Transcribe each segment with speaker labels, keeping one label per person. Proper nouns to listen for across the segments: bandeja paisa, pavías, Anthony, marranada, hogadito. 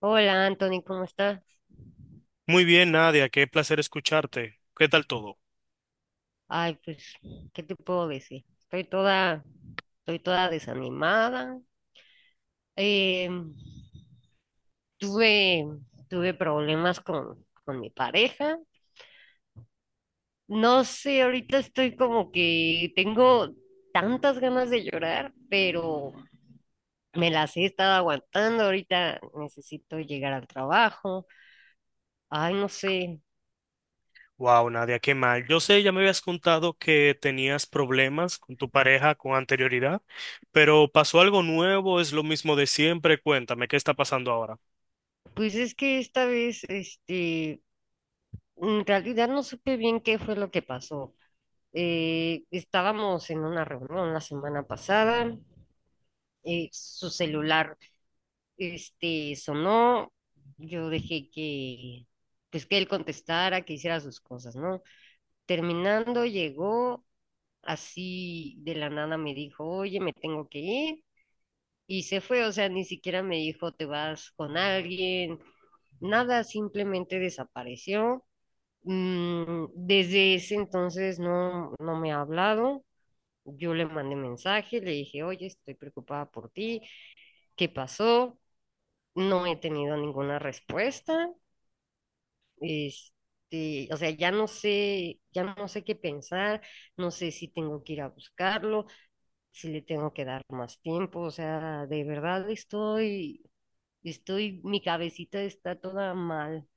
Speaker 1: Hola, Anthony, ¿cómo estás?
Speaker 2: Muy bien, Nadia, qué placer escucharte. ¿Qué tal todo?
Speaker 1: Ay, pues, ¿qué te puedo decir? Estoy toda desanimada. Eh, tuve, tuve problemas con mi pareja. No sé, ahorita estoy como que tengo tantas ganas de llorar, pero me las he estado aguantando. Ahorita necesito llegar al trabajo. Ay, no sé.
Speaker 2: Wow, Nadia, qué mal. Yo sé, ya me habías contado que tenías problemas con tu pareja con anterioridad, pero ¿pasó algo nuevo? ¿Es lo mismo de siempre? Cuéntame, ¿qué está pasando ahora?
Speaker 1: Pues es que esta vez, este, en realidad no supe bien qué fue lo que pasó. Estábamos en una reunión la semana pasada, su celular este, sonó, yo dejé pues que él contestara, que hiciera sus cosas, ¿no? Terminando, llegó así de la nada, me dijo, oye, me tengo que ir, y se fue, o sea, ni siquiera me dijo, te vas con alguien, nada, simplemente desapareció. Desde ese entonces no me ha hablado. Yo le mandé mensaje, le dije, oye, estoy preocupada por ti, ¿qué pasó? No he tenido ninguna respuesta. Este, o sea, ya no sé qué pensar, no sé si tengo que ir a buscarlo, si le tengo que dar más tiempo, o sea, de verdad estoy, mi cabecita está toda mal.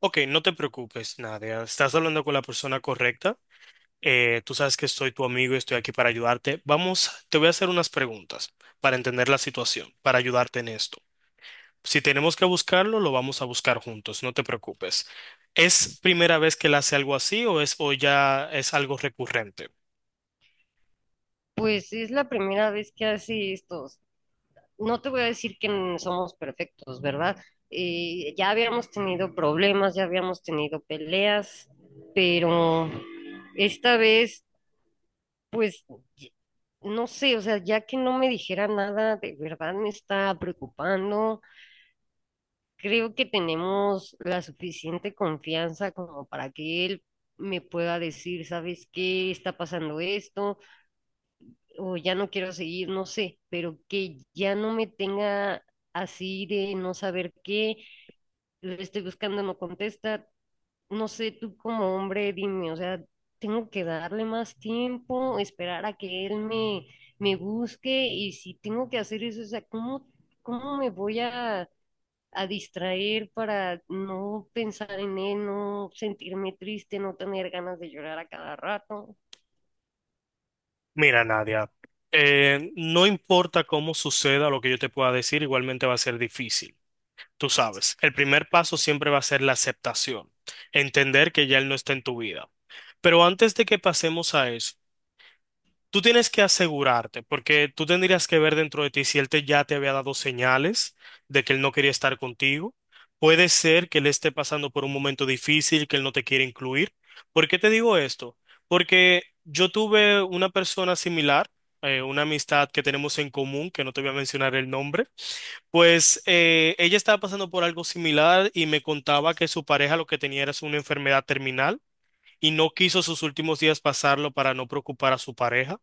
Speaker 2: Ok, no te preocupes, Nadia. Estás hablando con la persona correcta. Tú sabes que soy tu amigo y estoy aquí para ayudarte. Vamos, te voy a hacer unas preguntas para entender la situación, para ayudarte en esto. Si tenemos que buscarlo, lo vamos a buscar juntos, no te preocupes. ¿Es primera vez que él hace algo así o es o ya es algo recurrente?
Speaker 1: Pues es la primera vez que hace esto, no te voy a decir que somos perfectos, ¿verdad? Ya habíamos tenido problemas, ya habíamos tenido peleas, pero esta vez, pues, y- no sé, o sea, ya que no me dijera nada, de verdad me está preocupando. Creo que tenemos la suficiente confianza como para que él me pueda decir, ¿sabes qué? Está pasando esto, o ya no quiero seguir, no sé, pero que ya no me tenga así de no saber qué, le estoy buscando, no contesta, no sé, tú como hombre, dime, o sea, tengo que darle más tiempo, esperar a que él me busque y si tengo que hacer eso, o sea, ¿cómo me voy a distraer para no pensar en él, no sentirme triste, no tener ganas de llorar a cada rato?
Speaker 2: Mira, Nadia, no importa cómo suceda lo que yo te pueda decir, igualmente va a ser difícil. Tú sabes, el primer paso siempre va a ser la aceptación, entender que ya él no está en tu vida. Pero antes de que pasemos a eso, tú tienes que asegurarte, porque tú tendrías que ver dentro de ti si él te, ya te había dado señales de que él no quería estar contigo. Puede ser que él esté pasando por un momento difícil, que él no te quiere incluir. ¿Por qué te digo esto? Porque yo tuve una persona similar, una amistad que tenemos en común, que no te voy a mencionar el nombre, pues ella estaba pasando por algo similar y me contaba que su pareja lo que tenía era una enfermedad terminal y no quiso sus últimos días pasarlo para no preocupar a su pareja.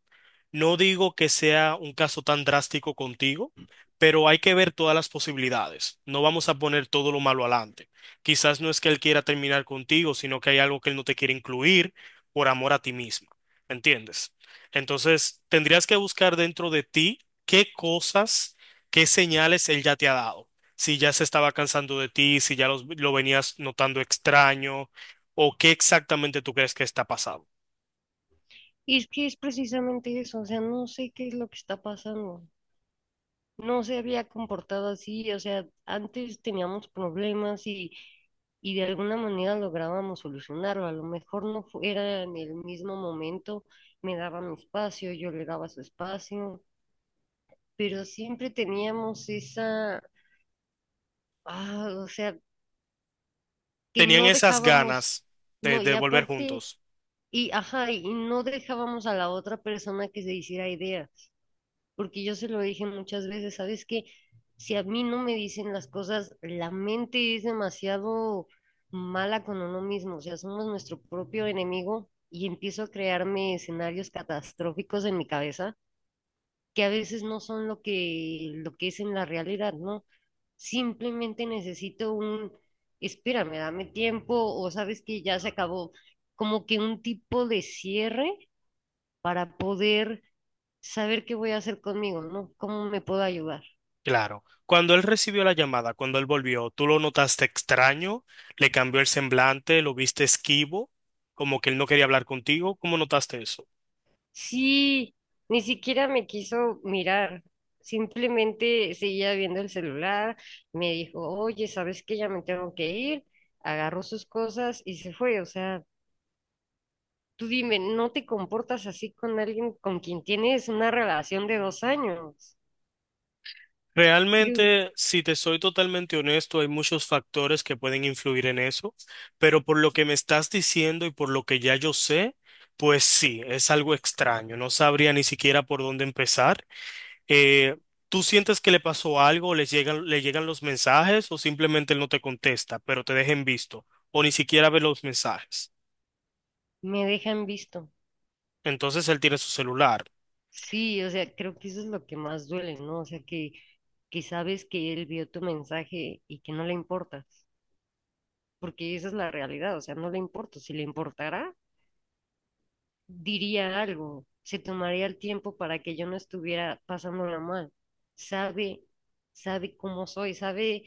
Speaker 2: No digo que sea un caso tan drástico contigo, pero hay que ver todas las posibilidades. No vamos a poner todo lo malo adelante. Quizás no es que él quiera terminar contigo, sino que hay algo que él no te quiere incluir por amor a ti misma. ¿Entiendes? Entonces, tendrías que buscar dentro de ti qué cosas, qué señales él ya te ha dado. Si ya se estaba cansando de ti, si ya lo venías notando extraño, o qué exactamente tú crees que está pasando.
Speaker 1: Y es que es precisamente eso, o sea, no sé qué es lo que está pasando. No se había comportado así, o sea, antes teníamos problemas y de alguna manera lográbamos solucionarlo. A lo mejor no fu- era en el mismo momento, me daba mi espacio, yo le daba su espacio, pero siempre teníamos esa, ah, o sea, que
Speaker 2: Tenían
Speaker 1: no
Speaker 2: esas
Speaker 1: dejábamos,
Speaker 2: ganas de,
Speaker 1: no, y
Speaker 2: de volver
Speaker 1: aparte,
Speaker 2: juntos.
Speaker 1: y ajá, y no dejábamos a la otra persona que se hiciera idea. Porque yo se lo dije muchas veces, ¿sabes qué? Si a mí no me dicen las cosas, la mente es demasiado mala con uno mismo, o sea, somos nuestro propio enemigo y empiezo a crearme escenarios catastróficos en mi cabeza que a veces no son lo que es en la realidad, ¿no? Simplemente necesito un, espérame, dame tiempo o sabes que ya se acabó, como que un tipo de cierre para poder saber qué voy a hacer conmigo, ¿no? ¿Cómo me puedo ayudar?
Speaker 2: Claro. Cuando él recibió la llamada, cuando él volvió, ¿tú lo notaste extraño? ¿Le cambió el semblante? ¿Lo viste esquivo? Como que él no quería hablar contigo. ¿Cómo notaste eso?
Speaker 1: Sí, ni siquiera me quiso mirar, simplemente seguía viendo el celular, me dijo, oye, ¿sabes qué? Ya me tengo que ir, agarró sus cosas y se fue, o sea, tú dime, ¿no te comportas así con alguien con quien tienes una relación de 2 años? Creo,
Speaker 2: Realmente, si te soy totalmente honesto, hay muchos factores que pueden influir en eso, pero por lo que me estás diciendo y por lo que ya yo sé, pues sí, es algo extraño. No sabría ni siquiera por dónde empezar. eh, ¿Tú sientes que le pasó algo, les llegan, le llegan los mensajes o simplemente él no te contesta, pero te deja en visto o ni siquiera ve los mensajes?
Speaker 1: me dejan visto.
Speaker 2: Entonces él tiene su celular.
Speaker 1: Sí, o sea, creo que eso es lo que más duele, ¿no? O sea, que sabes que él vio tu mensaje y que no le importa. Porque esa es la realidad, o sea, no le importo. Si le importara, diría algo, se tomaría el tiempo para que yo no estuviera pasándola mal. Sabe, sabe cómo soy, sabe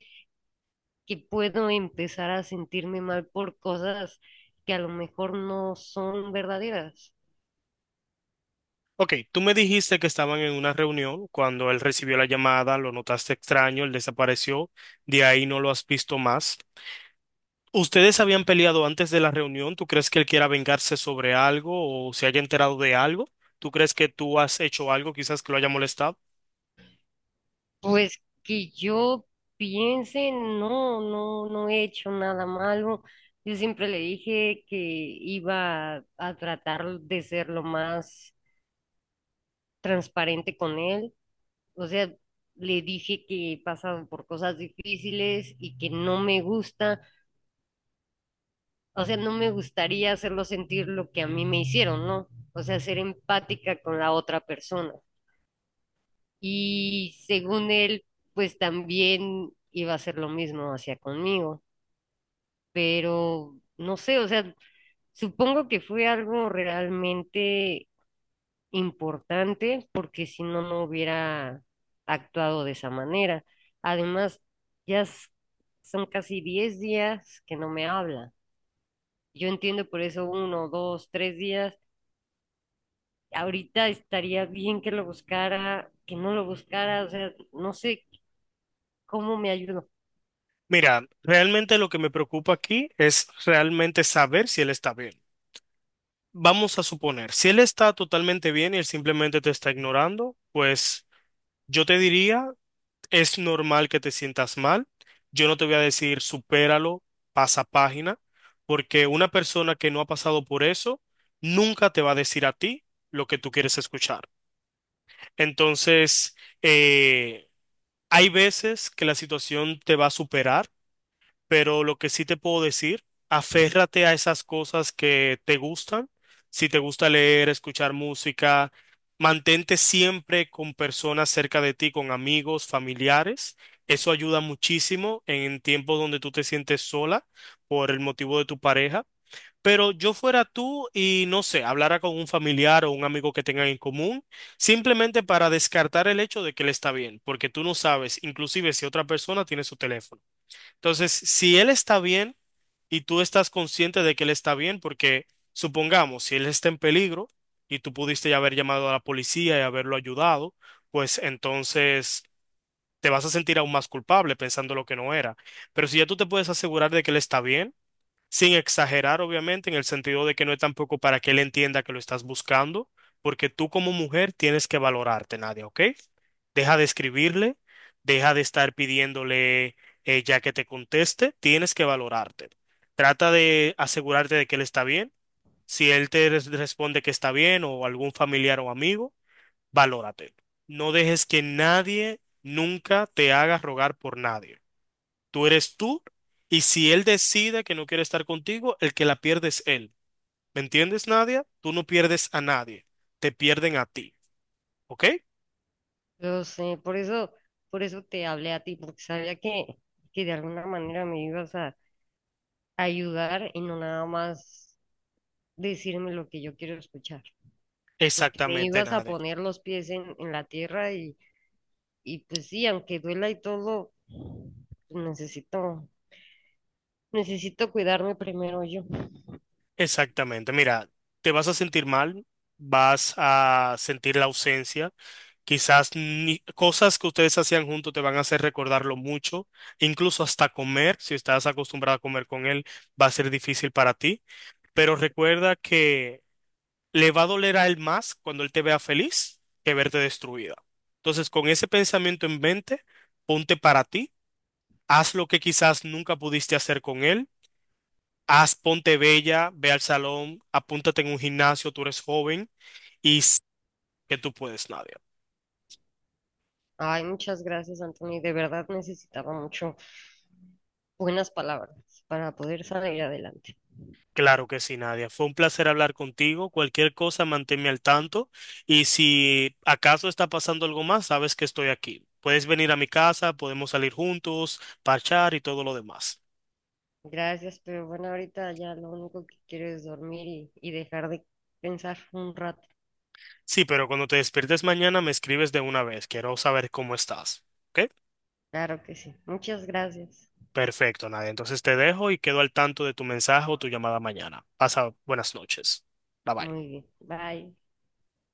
Speaker 1: que puedo empezar a sentirme mal por cosas que a lo mejor no son verdaderas.
Speaker 2: Ok, tú me dijiste que estaban en una reunión cuando él recibió la llamada, lo notaste extraño, él desapareció, de ahí no lo has visto más. ¿Ustedes habían peleado antes de la reunión? ¿Tú crees que él quiera vengarse sobre algo o se haya enterado de algo? ¿Tú crees que tú has hecho algo quizás que lo haya molestado?
Speaker 1: Pues que yo piense, no, no he hecho nada malo. Yo siempre le dije que iba a tratar de ser lo más transparente con él. O sea, le dije que he pasado por cosas difíciles y que no me gusta, o sea, no me gustaría hacerlo sentir lo que a mí me hicieron, ¿no? O sea, ser empática con la otra persona. Y según él, pues también iba a hacer lo mismo hacia conmigo, pero no sé, o sea, supongo que fue algo realmente importante porque si no, no hubiera actuado de esa manera. Además, ya s- son casi 10 días que no me habla. Yo entiendo por eso uno, dos, tres días. Ahorita estaría bien que lo buscara, que no lo buscara, o sea, no sé cómo me ayudo.
Speaker 2: Mira, realmente lo que me preocupa aquí es realmente saber si él está bien. Vamos a suponer, si él está totalmente bien y él simplemente te está ignorando, pues yo te diría, es normal que te sientas mal. Yo no te voy a decir, supéralo, pasa página, porque una persona que no ha pasado por eso nunca te va a decir a ti lo que tú quieres escuchar. Entonces, eh, hay veces que la situación te va a superar pero lo que sí te puedo decir, aférrate a esas cosas que te gustan. Si te gusta leer, escuchar música, mantente siempre con personas cerca de ti, con amigos, familiares. Eso ayuda muchísimo en tiempos donde tú te sientes sola por el motivo de tu pareja. Pero yo fuera tú y no sé, hablara con un familiar o un amigo que tengan en común, simplemente para descartar el hecho de que él está bien, porque tú no sabes, inclusive si otra persona tiene su teléfono. Entonces, si él está bien y tú estás consciente de que él está bien, porque supongamos, si él está en peligro y tú pudiste ya haber llamado a la policía y haberlo ayudado, pues entonces te vas a sentir aún más culpable pensando lo que no era. Pero si ya tú te puedes asegurar de que él está bien, sin exagerar, obviamente, en el sentido de que no es tampoco para que él entienda que lo estás buscando, porque tú como mujer tienes que valorarte, Nadia, ¿ok? Deja de escribirle, deja de estar pidiéndole ya que te conteste, tienes que valorarte. Trata de asegurarte de que él está bien. Si él te responde que está bien o algún familiar o amigo, valórate. No dejes que nadie nunca te haga rogar por nadie. Tú eres tú y si él decide que no quiere estar contigo, el que la pierde es él. ¿Me entiendes, Nadia? Tú no pierdes a nadie, te pierden a ti, ¿ok?
Speaker 1: Lo sé, por eso te hablé a ti, porque sabía que de alguna manera me ibas a ayudar y no nada más decirme lo que yo quiero escuchar. Porque me
Speaker 2: Exactamente,
Speaker 1: ibas a
Speaker 2: Nadia.
Speaker 1: poner los pies en la tierra y pues sí, aunque duela y todo, necesito, necesito cuidarme primero yo.
Speaker 2: Exactamente. Mira, te vas a sentir mal, vas a sentir la ausencia, quizás cosas que ustedes hacían juntos te van a hacer recordarlo mucho, incluso hasta comer, si estás acostumbrado a comer con él, va a ser difícil para ti, pero recuerda que le va a doler a él más cuando él te vea feliz que verte destruida. Entonces, con ese pensamiento en mente, ponte para ti, haz lo que quizás nunca pudiste hacer con él, haz, ponte bella, ve al salón, apúntate en un gimnasio, tú eres joven y que tú puedes, Nadia.
Speaker 1: Ay, muchas gracias, Anthony. De verdad necesitaba mucho buenas palabras para poder salir adelante.
Speaker 2: Claro que sí, Nadia. Fue un placer hablar contigo. Cualquier cosa, manténme al tanto. Y si acaso está pasando algo más, sabes que estoy aquí. Puedes venir a mi casa, podemos salir juntos, parchar y todo lo demás.
Speaker 1: Gracias, pero bueno, ahorita ya lo único que quiero es dormir y dejar de pensar un rato.
Speaker 2: Sí, pero cuando te despiertes mañana me escribes de una vez. Quiero saber cómo estás. ¿Ok?
Speaker 1: Claro que sí. Muchas gracias.
Speaker 2: Perfecto, Nadia. Entonces te dejo y quedo al tanto de tu mensaje o tu llamada mañana. Pasa buenas noches. Bye bye.
Speaker 1: Muy bien. Bye.